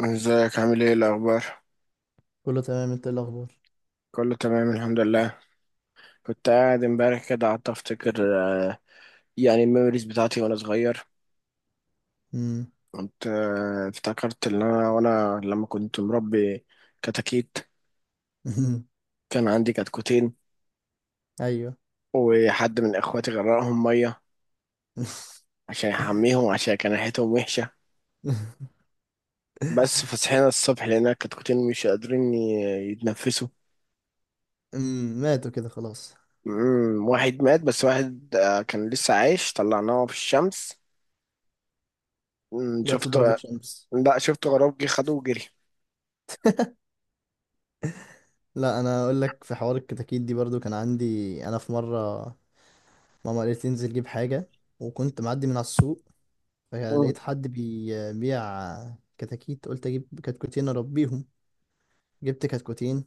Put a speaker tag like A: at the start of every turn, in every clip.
A: ازيك، عامل ايه الاخبار؟
B: كله تمام، انت ايه الاخبار؟
A: كله تمام الحمد لله. كنت قاعد امبارح كده قعدت افتكر. آه، يعني الميموريز بتاعتي وانا صغير.
B: امم.
A: كنت افتكرت ان انا وانا لما كنت مربي كتاكيت. كان عندي كتكوتين.
B: ايوه.
A: وحد من اخواتي غرقهم ميه عشان يحميهم، عشان كان ريحتهم وحشه. بس فصحينا الصبح لقينا الكتكوتين مش قادرين يتنفسوا.
B: ماتوا كده خلاص.
A: واحد مات، بس واحد كان لسه عايش طلعناه في الشمس.
B: جات له
A: شفته.
B: ضربة شمس؟
A: لا، شفت غراب جه خده وجري.
B: لا انا اقول لك، في حوار الكتاكيت دي برضو كان عندي. انا في مرة ماما قالت لي انزل جيب حاجة، وكنت معدي من على السوق
A: مم.
B: فلقيت حد بيبيع كتاكيت، قلت اجيب كتكوتين اربيهم. جبت كتكوتين.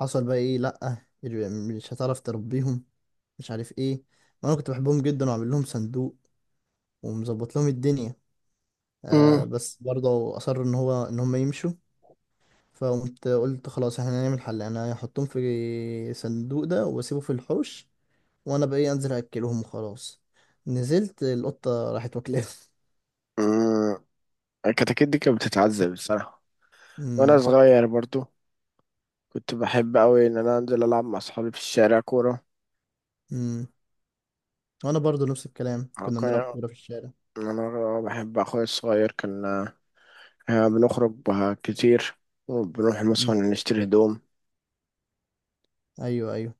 B: حصل بقى ايه؟ لا مش هتعرف تربيهم، مش عارف ايه. وانا كنت بحبهم جدا واعمل لهم صندوق ومظبط لهم الدنيا.
A: مم.
B: بس برضه أصر إن هم يمشوا. فقمت قلت خلاص، احنا هنعمل حل، أنا هحطهم في صندوق ده وأسيبه في الحوش، وأنا بقى إيه أنزل أكلهم وخلاص. نزلت القطة راحت واكلاهم.
A: مم. الكتاكيت دي كانت بتتعذب الصراحة. وأنا
B: أمم.
A: صغير برضو كنت بحب أوي إن أنا أنزل ألعب مع أصحابي في الشارع كورة.
B: أمم. وأنا برضه نفس الكلام، كنا بنلعب
A: كان
B: كورة في الشارع.
A: أنا بحب أخويا الصغير، كان بنخرج بها كتير، وبنروح مثلا
B: أمم.
A: نشتري هدوم.
B: أيوه، أيوه.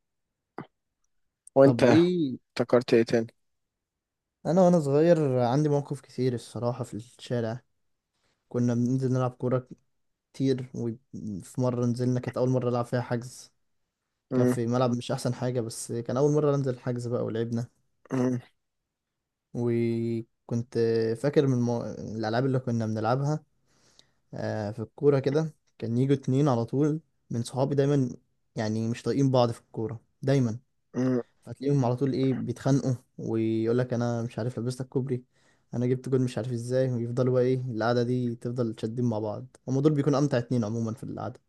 B: طب
A: وأنت
B: إيه؟
A: افتكرت إيه تاني؟
B: أنا وأنا صغير عندي مواقف كتير الصراحة في الشارع. كنا بننزل نلعب كورة كتير، وفي مرة نزلنا كانت أول مرة ألعب فيها حجز. كان
A: مم.
B: في ملعب مش احسن حاجه، بس كان اول مره انزل الحجز بقى ولعبنا.
A: مم.
B: وكنت فاكر من الالعاب اللي كنا بنلعبها. في الكوره كده كان يجوا اتنين على طول من صحابي دايما، يعني مش طايقين بعض في الكوره دايما.
A: مم.
B: فتلاقيهم على طول ايه بيتخانقوا، ويقول لك انا مش عارف لبستك كوبري، انا جبت جول مش عارف ازاي. ويفضلوا بقى ايه، القعده دي تفضل شادين مع بعض. هما دول بيكونوا امتع اتنين عموما في القعده.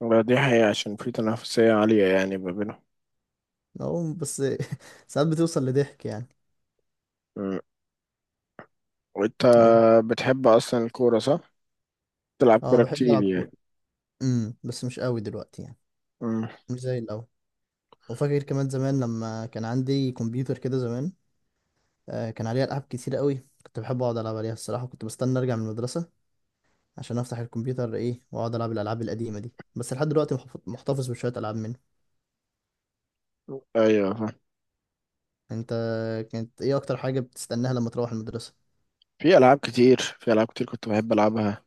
A: لا، دي حقيقة عشان في تنافسية عالية يعني ما بينهم.
B: أهو بس. ساعات بتوصل لضحك يعني.
A: مم. وأنت
B: أهو.
A: بتحب أصلا الكورة صح؟ تلعب
B: اه،
A: كورة
B: بحب
A: كتير
B: العب كوره.
A: يعني.
B: بس مش قوي دلوقتي يعني،
A: مم.
B: مش زي الاول. وفاكر كمان زمان لما كان عندي كمبيوتر كده زمان، كان عليه العاب كتير قوي، كنت بحب اقعد العب عليها الصراحه. كنت بستنى ارجع من المدرسه عشان افتح الكمبيوتر ايه واقعد العب الالعاب القديمه دي. بس لحد دلوقتي محتفظ بشويه العاب منه.
A: أيوه،
B: انت كانت ايه اكتر حاجه بتستناها لما تروح المدرسه؟
A: في ألعاب كتير كنت بحب ألعبها.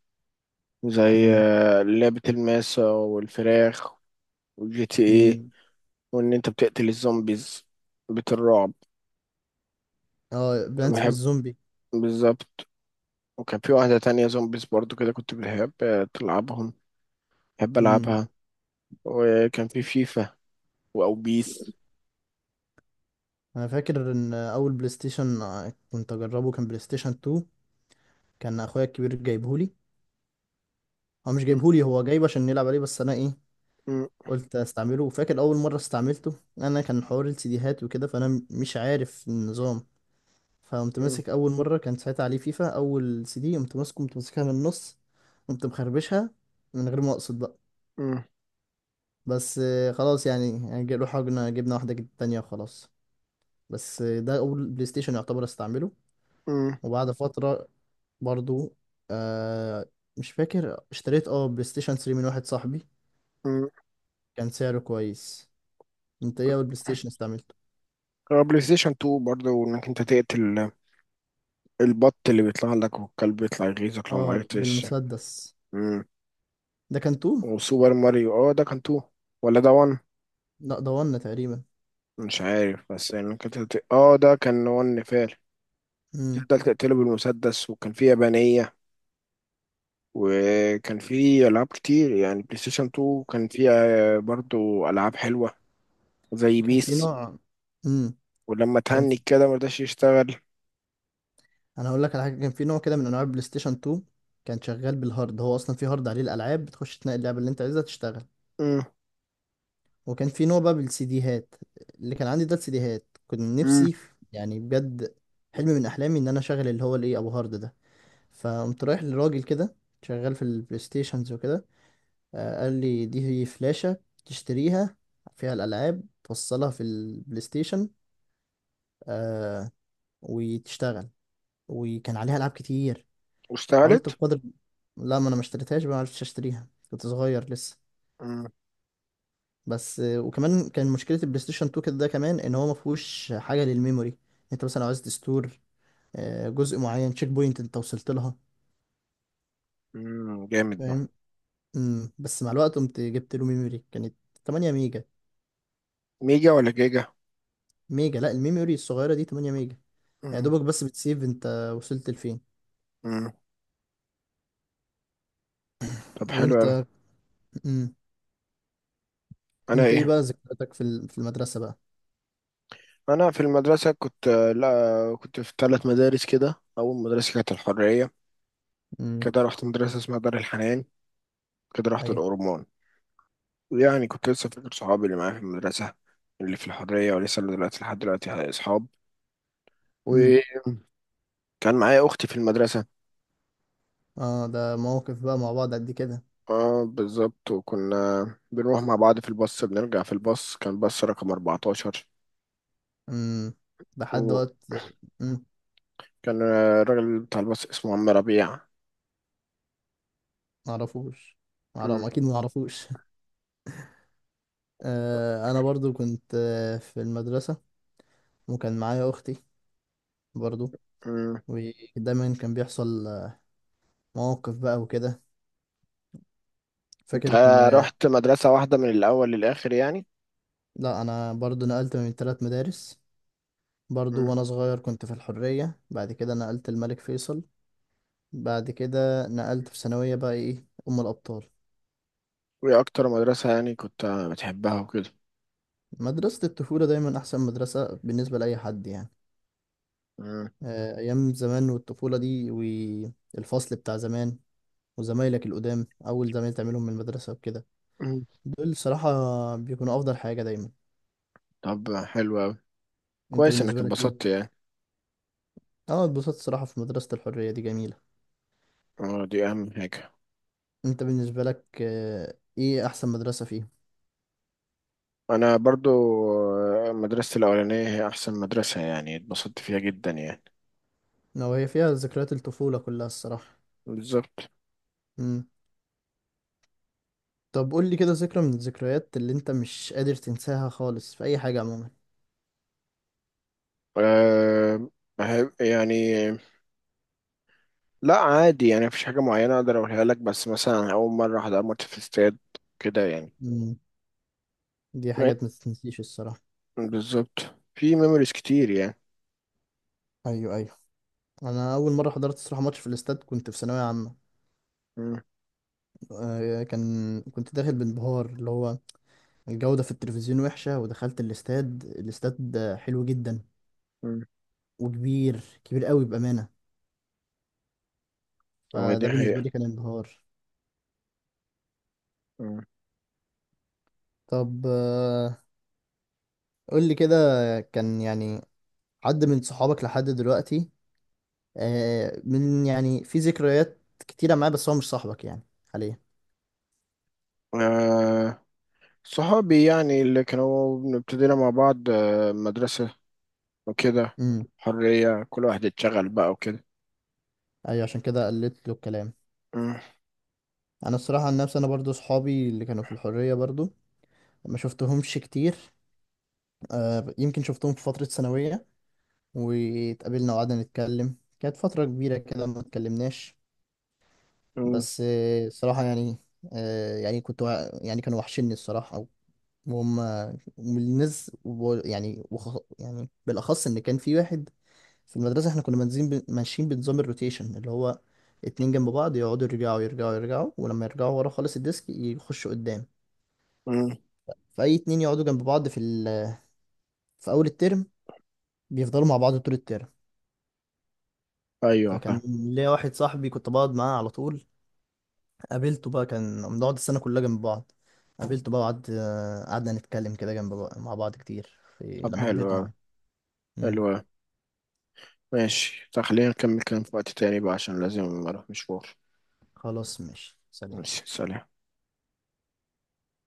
A: زي
B: امم.
A: لعبة الماسة والفراخ، والجي تي ايه،
B: امم.
A: وإن أنت بتقتل الزومبيز، بيت الرعب.
B: اه،
A: أنا
B: بلانس
A: بحب.
B: بالزومبي.
A: بالظبط. وكان في واحدة تانية زومبيز برضو كده، كنت بحب تلعبهم، بحب
B: امم
A: ألعبها. وكان في فيفا وأو بيس.
B: انا فاكر ان اول بلاي ستيشن كنت اجربه كان بلاي ستيشن 2. كان اخويا الكبير جايبهولي. هو مش
A: م-
B: جايبهولي، هو جايبه عشان نلعب عليه، بس انا ايه
A: م-
B: قلت استعمله. فاكر اول مره استعملته انا كان حوار السيديهات وكده، فانا مش عارف النظام. فقمت
A: م-
B: ماسك اول مره كان ساعتها عليه فيفا، اول سي دي قمت ماسكه، قمت ماسكها من النص، قمت مخربشها من غير ما اقصد بقى.
A: م-
B: بس خلاص يعني روحنا جبنا واحده تانية وخلاص. بس ده اول بلاي ستيشن يعتبر استعمله.
A: م-
B: وبعد فتره برضو، آه مش فاكر اشتريت بلاي ستيشن 3 من واحد صاحبي،
A: م.
B: كان سعره كويس. انت ايه اول بلاي ستيشن استعملته؟
A: بلاي ستيشن 2 برضه، وإنك أنت تقتل البط اللي بيطلع لك والكلب بيطلع يغيظك لو
B: اه،
A: معرفتش.
B: بالمسدس. ده كان تو.
A: وسوبر ماريو، اه ده كان تو ولا ده وان؟
B: لا ده ون تقريبا.
A: مش عارف بس يعني كانت اه، ده كان وان فعلا.
B: امم.
A: تفضل تقتله بالمسدس، وكان فيه يابانية. وكان فيه ألعاب كتير يعني، بلاي ستيشن 2 كان فيه برضو ألعاب حلوة، زي
B: كان في
A: بيس.
B: نوع. امم.
A: ولما
B: كان
A: تهنج
B: في...
A: كده مرضاش يشتغل.
B: انا هقول لك على حاجه، كان في نوع كده من انواع البلاي ستيشن 2 كان شغال بالهارد. هو اصلا في هارد عليه الالعاب، بتخش تنقي اللعبه اللي انت عايزها تشتغل.
A: مم.
B: وكان في نوع بقى بالسي ديهات. اللي كان عندي ده السي ديهات، كنت
A: مم.
B: نفسي يعني بجد، حلم من احلامي ان انا اشغل اللي هو الايه، ابو هارد ده. فقمت رايح لراجل كده شغال في البلاي ستيشنز وكده، قال لي دي هي فلاشه تشتريها فيها الالعاب، توصلها في البلاي ستيشن آه، وتشتغل، وكان عليها العاب كتير. حاولت
A: واشتغلت؟
B: بقدر. لا ما انا ما اشتريتهاش بقى، ما عرفتش اشتريها، كنت صغير لسه.
A: مم.
B: بس وكمان كان مشكله البلاي ستيشن 2 كده ده كمان، ان هو ما فيهوش حاجه للميموري. انت مثلا لو عايز تستور جزء معين تشيك بوينت انت وصلت لها.
A: مم. جامد ده.
B: فاهم؟ بس مع الوقت قمت جبت له ميموري كانت 8 ميجا.
A: ميجا ولا جيجا؟
B: ميجا. لا، الميموري الصغيره دي 8 ميجا، يا
A: مم.
B: دوبك بس بتسيف انت وصلت لفين.
A: مم. طب حلو أوي.
B: وانت؟ امم
A: أنا
B: انت ايه
A: إيه؟
B: بقى ذكرياتك في في المدرسه بقى؟
A: انا في المدرسه كنت. لا، كنت في ثلاث مدارس. كده اول مدرسه كانت الحريه،
B: امم.
A: كده رحت مدرسه اسمها دار الحنان، كده رحت
B: ايوه.
A: الاورمون. يعني كنت لسه فاكر صحابي اللي معايا في المدرسه، اللي في الحريه، ولسه اللي دلوقتي لحد دلوقتي اصحاب.
B: مم.
A: وكان معايا اختي في المدرسه.
B: اه ده مواقف بقى مع بعض قد كده.
A: اه بالظبط، وكنا بنروح مع بعض في الباص، بنرجع في الباص. كان باص رقم 14.
B: امم. لحد
A: وكان
B: وقت. امم.
A: الراجل بتاع الباص اسمه عم ربيع.
B: معرفوش.
A: م-
B: اكيد معرفوش. انا برضو كنت في المدرسة، وكان معايا اختي برضو.
A: م.
B: ودايما كان بيحصل مواقف بقى وكده.
A: انت
B: فاكر كنا.
A: رحت مدرسه واحده من الاول للاخر يعني؟
B: لا انا برضو نقلت من ثلاث مدارس برضو. وانا صغير كنت في الحرية، بعد كده نقلت الملك فيصل، بعد كده نقلت في ثانوية بقى ايه ام الابطال.
A: وإيه أكتر مدرسة يعني كنت بتحبها وكده؟
B: مدرسة الطفولة دايما احسن مدرسة بالنسبة لاي حد يعني،
A: مم.
B: أيام زمان والطفولة دي والفصل بتاع زمان وزمايلك القدام، أول زمايل تعملهم من المدرسة وكده،
A: مم.
B: دول صراحة بيكونوا أفضل حاجة دايما.
A: طب حلو أوي،
B: أنت
A: كويس إنك
B: بالنسبة لك
A: اتبسطت
B: إيه؟
A: يعني.
B: أه اتبسطت صراحة، في مدرسة الحرية دي جميلة.
A: أه، دي أهم حاجة.
B: أنت بالنسبة لك إيه أحسن مدرسة فيهم؟
A: أنا برضو مدرستي الأولانية هي أحسن مدرسة، يعني اتبسطت فيها جدا يعني.
B: لو هي فيها ذكريات الطفولة كلها الصراحة.
A: بالظبط.
B: مم. طب قول لي كده ذكرى من الذكريات اللي أنت مش قادر تنساها خالص في أي حاجة عموما.
A: أه، يعني لا، عادي يعني، مفيش حاجة معينة أقدر أقولها لك، بس مثلا أول مرة أحضر ماتش في استاد كده يعني.
B: مم. دي
A: م-
B: حاجات ما تتنسيش الصراحة.
A: بالظبط. في ميموريز كتير يعني.
B: ايوه، ايوه. انا اول مره حضرت الصراحه ماتش في الاستاد كنت في ثانويه عامه.
A: مم.
B: كنت داخل بانبهار اللي هو الجودة في التلفزيون وحشة. ودخلت الاستاد. الاستاد حلو جدا
A: مم.
B: وكبير كبير قوي بأمانة.
A: هو دي
B: فده بالنسبة
A: حقيقة.
B: لي كان انبهار.
A: مم.
B: طب قول لي كده، كان يعني حد من صحابك لحد دلوقتي من يعني في ذكريات كتيرة معاه بس هو مش صاحبك يعني حاليا.
A: آه، صحابي يعني اللي كانوا ابتدينا مع بعض مدرسة وكده.
B: امم.
A: حرية كل واحد اتشغل بقى وكده.
B: ايوه عشان كده قلت له الكلام.
A: مم.
B: انا الصراحة عن نفسي، انا برضو صحابي اللي كانوا في الحرية برضو ما شفتهمش كتير. يمكن شفتهم في فترة ثانوية واتقابلنا وقعدنا نتكلم، كانت فترة كبيرة كده ما اتكلمناش.
A: مم.
B: بس الصراحة يعني، يعني يعني كانوا وحشني الصراحة، وهم والناس يعني يعني بالأخص إن كان في واحد في المدرسة. احنا كنا ماشيين بنظام الروتيشن اللي هو اتنين جنب بعض يقعدوا يرجعوا يرجعوا يرجعوا، ولما يرجعوا ورا خالص الديسك يخشوا قدام.
A: مم.
B: فأي اتنين يقعدوا جنب بعض في أول الترم بيفضلوا مع بعض طول الترم.
A: أيوة فاهم.
B: فكان ليا واحد صاحبي كنت بقعد معاه على طول. قابلته بقى، كان بنقعد السنة كلها جنب بعض. قابلته بقى، وقعد آه، قعدنا نتكلم كده جنب بقى مع بعض كتير في
A: طب
B: لما
A: حلو
B: كبرنا
A: أوي،
B: يعني. مم.
A: حلو أوي. ماشي، طب خلينا نكمل كلام في وقت تاني بقى، عشان لازم أروح مشوار.
B: خلاص ماشي، سلام.
A: ماشي سلام.